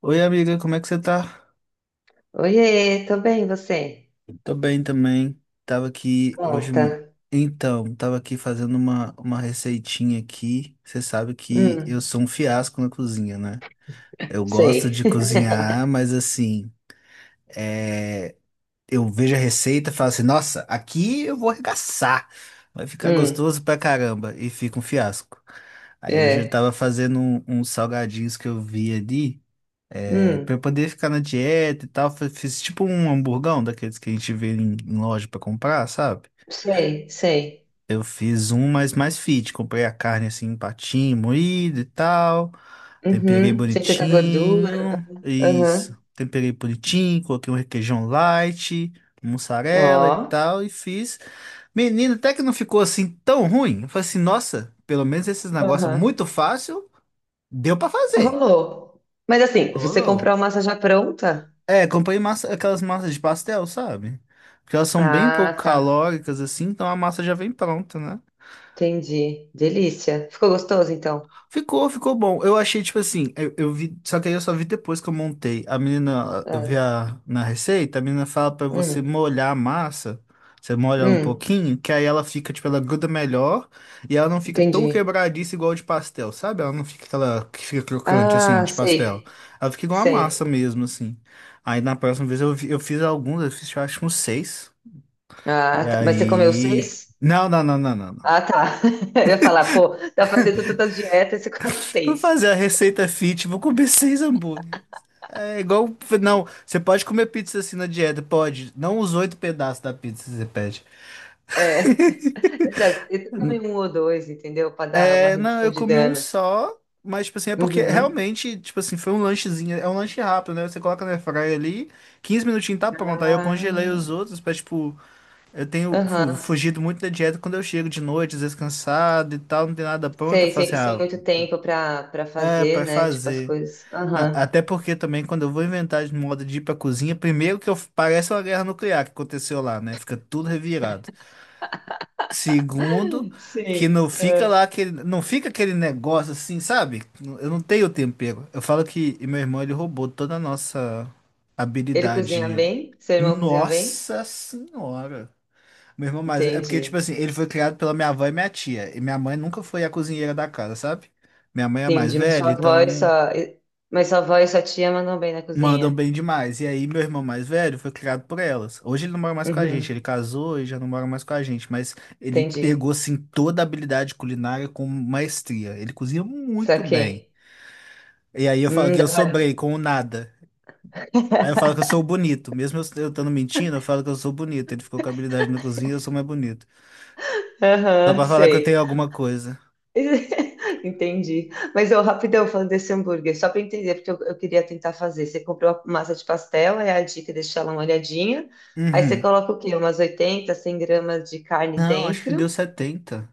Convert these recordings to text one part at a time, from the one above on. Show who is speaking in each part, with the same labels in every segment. Speaker 1: Oi, amiga, como é que você tá?
Speaker 2: Oiê, tô bem, você?
Speaker 1: Tô bem também. Tava aqui hoje.
Speaker 2: Conta.
Speaker 1: Então, tava aqui fazendo uma receitinha aqui. Você sabe que eu
Speaker 2: Hum,
Speaker 1: sou um fiasco na cozinha, né? Eu gosto
Speaker 2: sei.
Speaker 1: de cozinhar, mas assim, é... eu vejo a receita e falo assim: nossa, aqui eu vou arregaçar. Vai ficar
Speaker 2: Hum,
Speaker 1: gostoso pra caramba. E fica um fiasco. Aí hoje eu
Speaker 2: é.
Speaker 1: tava fazendo uns salgadinhos que eu vi ali. É, pra
Speaker 2: Hum,
Speaker 1: eu poder ficar na dieta e tal, fiz tipo um hamburgão daqueles que a gente vê em loja pra comprar, sabe?
Speaker 2: sei, sei.
Speaker 1: Eu fiz um, mas mais fit. Comprei a carne assim, em patinho, moído e tal. Temperei
Speaker 2: Uhum, sem tanta gordura. Pá.
Speaker 1: bonitinho.
Speaker 2: Aham,
Speaker 1: Isso. Temperei bonitinho, coloquei um requeijão light, mussarela e
Speaker 2: ó.
Speaker 1: tal, e fiz. Menino, até que não ficou assim tão ruim. Eu falei assim, nossa, pelo menos esses negócios
Speaker 2: Aham.
Speaker 1: muito fácil, deu pra fazer.
Speaker 2: Rolou. Mas assim, você
Speaker 1: Rolou.
Speaker 2: comprou a massa já pronta?
Speaker 1: É, comprei massa, aquelas massas de pastel, sabe? Porque elas são bem pouco
Speaker 2: Ah, tá.
Speaker 1: calóricas, assim, então a massa já vem pronta, né?
Speaker 2: Entendi. Delícia. Ficou gostoso, então?
Speaker 1: Ficou, ficou bom. Eu achei, tipo assim, eu vi, só que aí eu só vi depois que eu montei. A menina, eu vi
Speaker 2: Ah,
Speaker 1: na receita, a menina fala pra você
Speaker 2: hum,
Speaker 1: molhar a massa, você molha ela um
Speaker 2: hum,
Speaker 1: pouquinho, que aí ela fica, tipo, ela gruda melhor e ela não fica tão
Speaker 2: entendi.
Speaker 1: quebradiça igual a de pastel, sabe? Ela não fica aquela que fica crocante, assim,
Speaker 2: Ah,
Speaker 1: de pastel.
Speaker 2: sei,
Speaker 1: Ela fica igual a massa
Speaker 2: sei.
Speaker 1: mesmo, assim. Aí na próxima vez eu fiz alguns, eu fiz, eu acho, uns seis.
Speaker 2: Ah,
Speaker 1: E
Speaker 2: tá. Mas você comeu
Speaker 1: aí.
Speaker 2: seis?
Speaker 1: Não, não, não, não, não, não.
Speaker 2: Ah, tá. Eu ia falar, pô, tá fazendo tantas dietas, você come
Speaker 1: Vou
Speaker 2: seis.
Speaker 1: fazer a receita fit, vou comer seis hambúrgueres. É igual. Não, você pode comer pizza assim na dieta, pode. Não os oito pedaços da pizza que você pede.
Speaker 2: É, exato. E tu come um ou dois, entendeu? Para dar uma
Speaker 1: É, não,
Speaker 2: redução
Speaker 1: eu
Speaker 2: de
Speaker 1: comi um
Speaker 2: danos.
Speaker 1: só, mas, tipo assim, é porque
Speaker 2: Uhum.
Speaker 1: realmente, tipo assim, foi um lanchezinho. É um lanche rápido, né? Você coloca na airfryer ali, 15 minutinhos tá pronto. Aí eu congelei
Speaker 2: Ah,
Speaker 1: os outros pra, tipo, eu tenho
Speaker 2: aham.
Speaker 1: fugido muito da dieta quando eu chego de noite, às vezes cansado e tal, não tem nada pronto. Eu
Speaker 2: Sei,
Speaker 1: falo
Speaker 2: sem,
Speaker 1: assim,
Speaker 2: sem
Speaker 1: ah,
Speaker 2: muito tempo para
Speaker 1: é,
Speaker 2: fazer,
Speaker 1: pra
Speaker 2: né? Tipo as
Speaker 1: fazer.
Speaker 2: coisas. Aham.
Speaker 1: Até porque também quando eu vou inventar de modo de ir pra cozinha, primeiro que eu, parece uma guerra nuclear que aconteceu lá, né? Fica tudo revirado. Segundo, que
Speaker 2: Sim,
Speaker 1: não fica
Speaker 2: é.
Speaker 1: lá aquele, não fica aquele negócio assim, sabe? Eu não tenho tempero. Eu falo que meu irmão ele roubou toda a nossa
Speaker 2: Ele cozinha
Speaker 1: habilidade.
Speaker 2: bem? Seu irmão cozinha bem?
Speaker 1: Nossa senhora. Meu irmão, mas é porque tipo
Speaker 2: Entendi.
Speaker 1: assim, ele foi criado pela minha avó e minha tia, e minha mãe nunca foi a cozinheira da casa, sabe? Minha mãe é a mais
Speaker 2: Entendi. Mas sua
Speaker 1: velha,
Speaker 2: avó e
Speaker 1: então
Speaker 2: sua, mas sua avó e sua tia mandam bem na
Speaker 1: mandam
Speaker 2: cozinha.
Speaker 1: bem demais. E aí, meu irmão mais velho foi criado por elas. Hoje ele não mora mais com a gente,
Speaker 2: Uhum.
Speaker 1: ele casou e já não mora mais com a gente, mas ele
Speaker 2: Entendi.
Speaker 1: pegou assim toda a habilidade culinária com maestria. Ele cozinha muito bem.
Speaker 2: Saquei.
Speaker 1: E aí eu falo que eu
Speaker 2: Da hora.
Speaker 1: sobrei com o nada. Aí eu falo que eu sou bonito. Mesmo eu estando mentindo, eu falo que eu sou bonito. Ele ficou com habilidade na cozinha, eu sou mais bonito. Só
Speaker 2: Aham,
Speaker 1: pra falar que eu
Speaker 2: sei.
Speaker 1: tenho alguma coisa.
Speaker 2: Entendi. Mas eu rapidão falando desse hambúrguer, só para entender, porque eu queria tentar fazer. Você comprou a massa de pastel, é a dica, deixa ela molhadinha. Aí você
Speaker 1: Uhum.
Speaker 2: coloca o quê? Umas 80, 100 gramas de carne
Speaker 1: Não, acho que deu
Speaker 2: dentro.
Speaker 1: setenta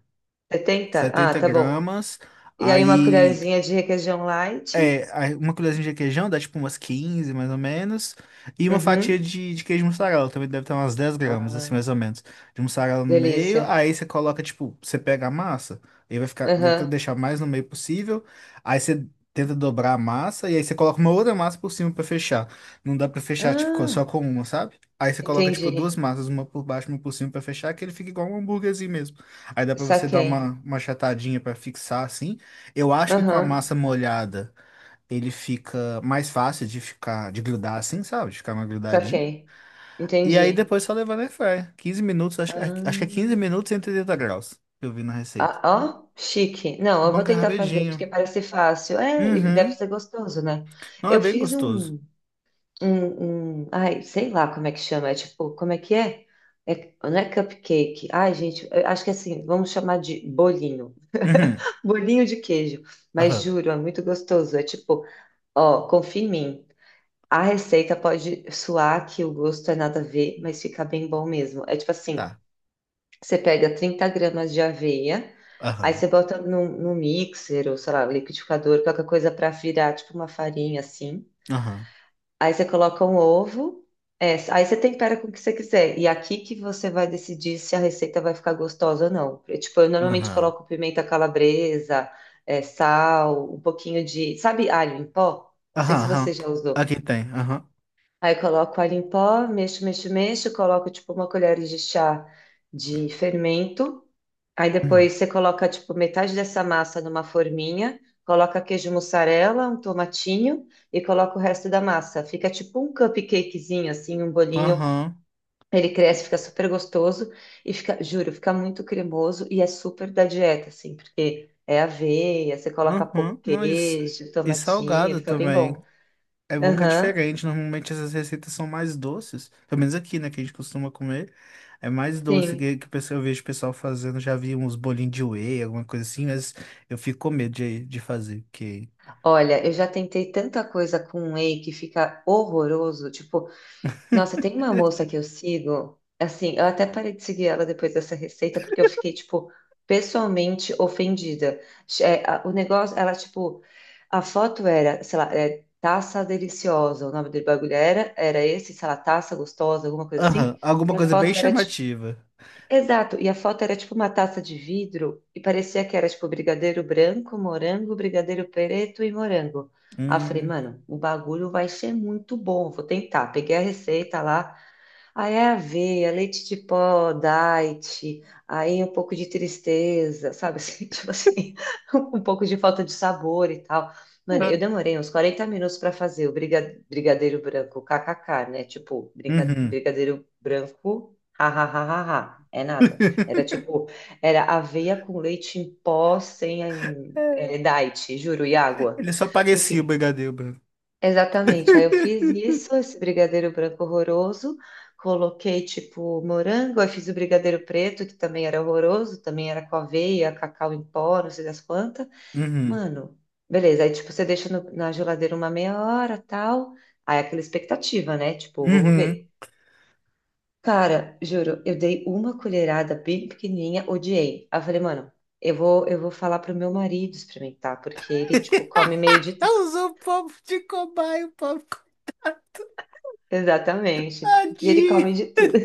Speaker 2: 70? Ah,
Speaker 1: setenta
Speaker 2: tá bom.
Speaker 1: gramas.
Speaker 2: E aí uma
Speaker 1: Aí
Speaker 2: colherzinha de requeijão light.
Speaker 1: é, aí uma colherzinha de requeijão dá tipo umas 15 mais ou menos. E uma fatia
Speaker 2: Uhum.
Speaker 1: de queijo mussarela, também deve ter umas 10 gramas, assim, mais
Speaker 2: Ah,
Speaker 1: ou menos. De mussarela no meio,
Speaker 2: delícia.
Speaker 1: aí você coloca, tipo, você pega a massa, aí vai ficar, tenta
Speaker 2: Aham.
Speaker 1: deixar mais no meio possível. Aí você tenta dobrar a massa, e aí você coloca uma outra massa por cima pra fechar. Não dá pra fechar, tipo,
Speaker 2: Ah,
Speaker 1: só com uma, sabe? Aí você coloca, tipo, duas
Speaker 2: entendi.
Speaker 1: massas, uma por baixo e uma por cima pra fechar, que ele fica igual um hambúrguerzinho mesmo. Aí dá pra você dar
Speaker 2: Saquei.
Speaker 1: uma achatadinha pra fixar, assim. Eu acho que com a
Speaker 2: Aham,
Speaker 1: massa molhada ele fica mais fácil de ficar, de grudar assim, sabe? De ficar mais grudadinho.
Speaker 2: saquei.
Speaker 1: E aí
Speaker 2: Entendi.
Speaker 1: depois só levar na airfryer. 15 minutos, acho, acho que é
Speaker 2: Ah.
Speaker 1: 15 minutos e 180 graus, que eu vi na receita.
Speaker 2: Ah, ó, chique. Não, eu
Speaker 1: Bom
Speaker 2: vou
Speaker 1: que é
Speaker 2: tentar fazer, porque
Speaker 1: rapidinho.
Speaker 2: parece fácil. É, e deve
Speaker 1: Uhum.
Speaker 2: ser gostoso, né?
Speaker 1: Não, é
Speaker 2: Eu
Speaker 1: bem
Speaker 2: fiz
Speaker 1: gostoso.
Speaker 2: um, um, um- Ai, sei lá como é que chama. É tipo, como é que é? Não é cupcake. Ai, gente, eu acho que é assim, vamos chamar de bolinho.
Speaker 1: Uhum.
Speaker 2: Bolinho de queijo. Mas
Speaker 1: Aham.
Speaker 2: juro, é muito gostoso. É tipo, ó, confia em mim. A receita pode suar que o gosto é nada a ver, mas fica bem bom mesmo. É tipo assim.
Speaker 1: Tá.
Speaker 2: Você pega 30 gramas de aveia, aí
Speaker 1: Aham.
Speaker 2: você bota no mixer ou, sei lá, liquidificador, qualquer coisa para virar tipo uma farinha assim.
Speaker 1: Aham.
Speaker 2: Aí você coloca um ovo, é, aí você tempera com o que você quiser. E aqui que você vai decidir se a receita vai ficar gostosa ou não. Eu, tipo, eu normalmente
Speaker 1: Aham.
Speaker 2: coloco pimenta calabresa, é, sal, um pouquinho de, sabe, alho em pó? Não sei
Speaker 1: Aham.
Speaker 2: se você
Speaker 1: Aham.
Speaker 2: já usou.
Speaker 1: Aqui tem. Aham.
Speaker 2: Aí eu coloco alho em pó, mexo, mexo, mexo, coloco tipo uma colher de chá de fermento. Aí
Speaker 1: Hum.
Speaker 2: depois você coloca, tipo, metade dessa massa numa forminha, coloca queijo mussarela, um tomatinho e coloca o resto da massa. Fica tipo um cupcakezinho, assim, um bolinho.
Speaker 1: Aham.
Speaker 2: Ele cresce, fica super gostoso e fica, juro, fica muito cremoso e é super da dieta, assim, porque é aveia, você coloca
Speaker 1: Aham.
Speaker 2: pouco
Speaker 1: Não, e,
Speaker 2: queijo,
Speaker 1: e
Speaker 2: tomatinho,
Speaker 1: salgado
Speaker 2: fica bem
Speaker 1: também.
Speaker 2: bom.
Speaker 1: É bom que é
Speaker 2: Aham,
Speaker 1: diferente. Normalmente essas receitas são mais doces. Pelo menos aqui, né? Que a gente costuma comer. É mais doce
Speaker 2: sim.
Speaker 1: que o pessoal... eu vejo o pessoal fazendo. Já vi uns bolinhos de whey, alguma coisa assim. Mas eu fico com medo de fazer. Porque...
Speaker 2: Olha, eu já tentei tanta coisa com whey que fica horroroso, tipo. Nossa, tem uma moça que eu sigo, assim, eu até parei de seguir ela depois dessa receita, porque eu fiquei, tipo, pessoalmente ofendida. É, o negócio, ela, tipo, a foto era, sei lá, é, taça deliciosa, o nome do bagulho era esse, sei lá, taça gostosa, alguma coisa assim,
Speaker 1: Aham,
Speaker 2: e
Speaker 1: alguma
Speaker 2: a
Speaker 1: coisa bem
Speaker 2: foto era, tipo,
Speaker 1: chamativa.
Speaker 2: exato, e a foto era, tipo, uma taça de vidro, e parecia que era, tipo, brigadeiro branco, morango, brigadeiro preto e morango. Aí eu falei,
Speaker 1: Hum,
Speaker 2: mano, o bagulho vai ser muito bom, vou tentar. Peguei a receita lá, aí é aveia, leite de pó, diet, aí um pouco de tristeza, sabe? Assim, tipo assim, um pouco de falta de sabor e tal. Mano, eu
Speaker 1: É.
Speaker 2: demorei uns 40 minutos para fazer o brigadeiro branco, kkk, né? Tipo,
Speaker 1: Uhum.
Speaker 2: brigadeiro branco, hahaha, é nada. Era tipo, era aveia com leite em pó sem diet, juro, e água.
Speaker 1: Ele só parecia o
Speaker 2: Enfim.
Speaker 1: brigadeiro branco.
Speaker 2: Exatamente. Aí eu fiz isso, esse brigadeiro branco horroroso, coloquei tipo morango, aí fiz o brigadeiro preto, que também era horroroso, também era com aveia, cacau em pó, não sei das quantas.
Speaker 1: Uhum,
Speaker 2: Mano, beleza. Aí tipo, você deixa na geladeira uma meia hora, tal. Aí é aquela expectativa, né? Tipo, vamos
Speaker 1: uhum.
Speaker 2: ver. Cara, juro, eu dei uma colherada bem pequenininha, odiei. Aí eu falei, mano, eu vou falar pro meu marido experimentar, porque ele, tipo, come meio de tudo.
Speaker 1: Ela usou o povo de cobaia, o povo
Speaker 2: Exatamente. E ele
Speaker 1: tadinho.
Speaker 2: come de tudo.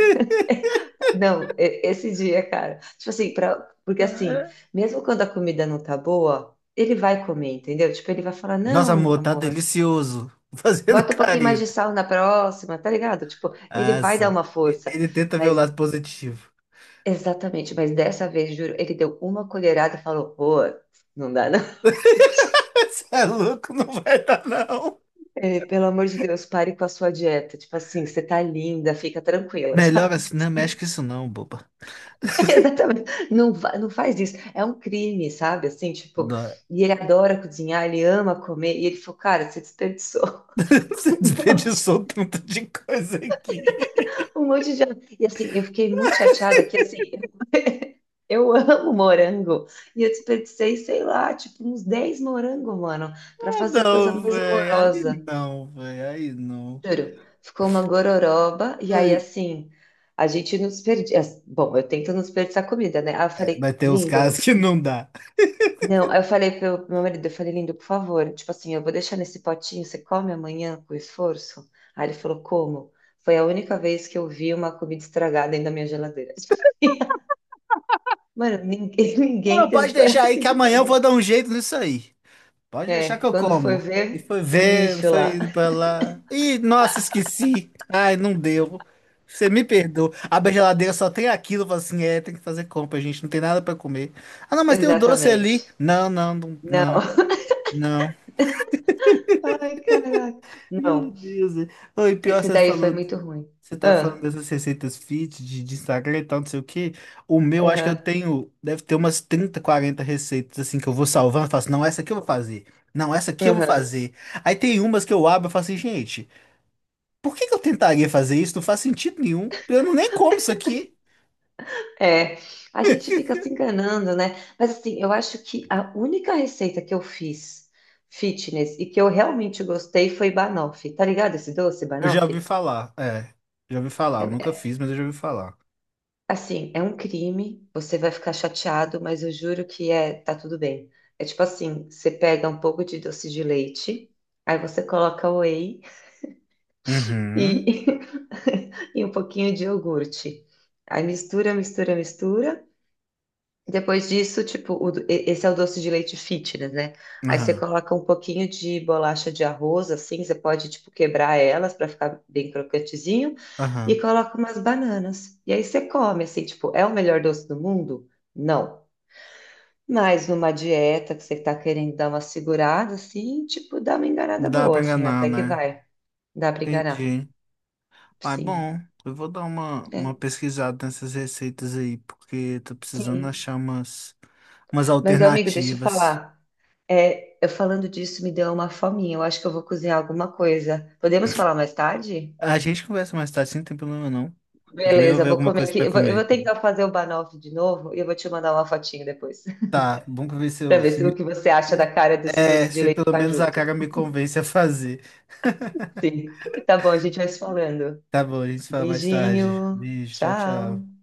Speaker 2: Não, esse dia, cara. Tipo assim, pra, porque assim, mesmo quando a comida não tá boa, ele vai comer, entendeu? Tipo, ele vai falar,
Speaker 1: Nossa,
Speaker 2: não,
Speaker 1: amor, tá
Speaker 2: amor,
Speaker 1: delicioso. Fazendo
Speaker 2: bota um pouquinho mais de
Speaker 1: careta.
Speaker 2: sal na próxima, tá ligado? Tipo, ele
Speaker 1: Ah,
Speaker 2: vai dar
Speaker 1: sim.
Speaker 2: uma força.
Speaker 1: Ele tenta ver o
Speaker 2: Mas,
Speaker 1: lado positivo.
Speaker 2: exatamente, mas dessa vez, juro, ele deu uma colherada e falou, pô, não dá não.
Speaker 1: Você é louco, não vai dar, não.
Speaker 2: Eh, pelo amor de Deus, pare com a sua dieta. Tipo assim, você tá linda, fica tranquila,
Speaker 1: Melhor
Speaker 2: sabe?
Speaker 1: assim, não mexe com isso, não, boba.
Speaker 2: Exatamente. Não, não faz isso. É um crime, sabe? Assim, tipo,
Speaker 1: Dó-
Speaker 2: e ele adora cozinhar, ele ama comer. E ele falou, cara, você desperdiçou
Speaker 1: Você
Speaker 2: um monte,
Speaker 1: desperdiçou um tanto de coisa aqui.
Speaker 2: um monte de. E assim, eu fiquei muito chateada que assim, eu amo morango. E eu desperdicei, sei lá, tipo, uns 10 morangos, mano, pra
Speaker 1: Ah,
Speaker 2: fazer a coisa
Speaker 1: não,
Speaker 2: mais
Speaker 1: velho. Aí
Speaker 2: horrorosa.
Speaker 1: não, velho. Aí não.
Speaker 2: Juro. Ficou uma gororoba. E aí,
Speaker 1: Aí-
Speaker 2: assim, a gente não desperdiça. Bom, eu tento não desperdiçar comida, né? Aí eu
Speaker 1: é,
Speaker 2: falei,
Speaker 1: vai ter uns
Speaker 2: lindo,
Speaker 1: casos que não dá.
Speaker 2: não. Aí eu falei pro meu marido, eu falei, lindo, por favor, tipo assim, eu vou deixar nesse potinho, você come amanhã com esforço? Aí ele falou, como? Foi a única vez que eu vi uma comida estragada dentro da minha geladeira. Mano, ninguém, ninguém
Speaker 1: Não,
Speaker 2: teve
Speaker 1: pode deixar aí
Speaker 2: coragem
Speaker 1: que
Speaker 2: de
Speaker 1: amanhã eu vou
Speaker 2: comer.
Speaker 1: dar um jeito nisso aí. Pode deixar que
Speaker 2: É,
Speaker 1: eu
Speaker 2: quando foi
Speaker 1: como. E
Speaker 2: ver
Speaker 1: foi
Speaker 2: o
Speaker 1: ver,
Speaker 2: lixo
Speaker 1: foi
Speaker 2: lá.
Speaker 1: indo pra lá. Ih, nossa, esqueci. Ai, não deu. Você me perdoa. A geladeira só tem aquilo, eu falo assim, é, tem que fazer compra, gente. Não tem nada pra comer. Ah, não, mas tem o doce ali.
Speaker 2: Exatamente.
Speaker 1: Não, não, não, não.
Speaker 2: Não.
Speaker 1: Não.
Speaker 2: Ai, caraca.
Speaker 1: Meu
Speaker 2: Não,
Speaker 1: Deus. É. Não, e pior,
Speaker 2: esse
Speaker 1: você
Speaker 2: daí foi
Speaker 1: falou.
Speaker 2: muito ruim.
Speaker 1: Você tá falando
Speaker 2: Ah,
Speaker 1: dessas receitas fit de Instagram e tal, não sei o quê. O meu, acho que eu
Speaker 2: aham,
Speaker 1: tenho. Deve ter umas 30 40 receitas assim que eu vou salvando. Eu faço, não, essa aqui eu vou fazer. Não, essa aqui eu vou
Speaker 2: aham.
Speaker 1: fazer. Aí tem umas que eu abro e falo assim, gente, por que que eu tentaria fazer isso? Não faz sentido nenhum. Eu não nem como isso aqui.
Speaker 2: É, a gente fica se enganando, né? Mas assim, eu acho que a única receita que eu fiz fitness e que eu realmente gostei foi banoffee. Tá ligado esse doce,
Speaker 1: Eu já ouvi
Speaker 2: banoffee?
Speaker 1: falar. É, já ouvi
Speaker 2: É,
Speaker 1: falar. Eu nunca
Speaker 2: é-
Speaker 1: fiz, mas eu já ouvi falar.
Speaker 2: assim, é um crime, você vai ficar chateado, mas eu juro que é, tá tudo bem. É tipo assim, você pega um pouco de doce de leite, aí você coloca whey
Speaker 1: Uhum.
Speaker 2: e, e um pouquinho de iogurte. Aí mistura, mistura, mistura. Depois disso, tipo, esse é o doce de leite fitness, né? Aí você
Speaker 1: Aham.
Speaker 2: coloca um pouquinho de bolacha de arroz, assim, você pode, tipo, quebrar elas para ficar bem crocantezinho e
Speaker 1: Aham.
Speaker 2: coloca umas bananas. E aí você come, assim, tipo, é o melhor doce do mundo? Não. Mas numa dieta que você tá querendo dar uma segurada, assim, tipo, dá uma enganada
Speaker 1: Dá
Speaker 2: boa,
Speaker 1: pra
Speaker 2: assim,
Speaker 1: enganar,
Speaker 2: até que
Speaker 1: né?
Speaker 2: vai. Dá para enganar.
Speaker 1: Entendi. Ah, é
Speaker 2: Sim,
Speaker 1: bom. Eu vou dar uma,
Speaker 2: é.
Speaker 1: uma pesquisada nessas receitas aí, porque tô precisando
Speaker 2: Sim.
Speaker 1: achar umas
Speaker 2: Mas, amigo, deixa eu
Speaker 1: alternativas.
Speaker 2: falar. É, eu falando disso me deu uma fominha. Eu acho que eu vou cozinhar alguma coisa. Podemos falar mais tarde?
Speaker 1: A gente conversa mais tarde, sim, não tem problema não. Eu também vou
Speaker 2: Beleza, eu
Speaker 1: ver
Speaker 2: vou
Speaker 1: alguma
Speaker 2: comer
Speaker 1: coisa
Speaker 2: aqui.
Speaker 1: pra
Speaker 2: Eu vou, eu
Speaker 1: comer
Speaker 2: vou
Speaker 1: aqui.
Speaker 2: tentar fazer o banoffee de novo e eu vou te mandar uma fotinho depois,
Speaker 1: Tá, vamos ver se
Speaker 2: para
Speaker 1: eu.
Speaker 2: ver
Speaker 1: Se
Speaker 2: se, o que você acha da
Speaker 1: me-
Speaker 2: cara desse
Speaker 1: é,
Speaker 2: doce de
Speaker 1: se
Speaker 2: leite
Speaker 1: pelo menos a
Speaker 2: fajuto.
Speaker 1: cara me convence a fazer.
Speaker 2: Sim. Tá bom, a gente vai se falando.
Speaker 1: Tá bom, a gente se fala mais tarde.
Speaker 2: Beijinho.
Speaker 1: Beijo, tchau, tchau.
Speaker 2: Tchau.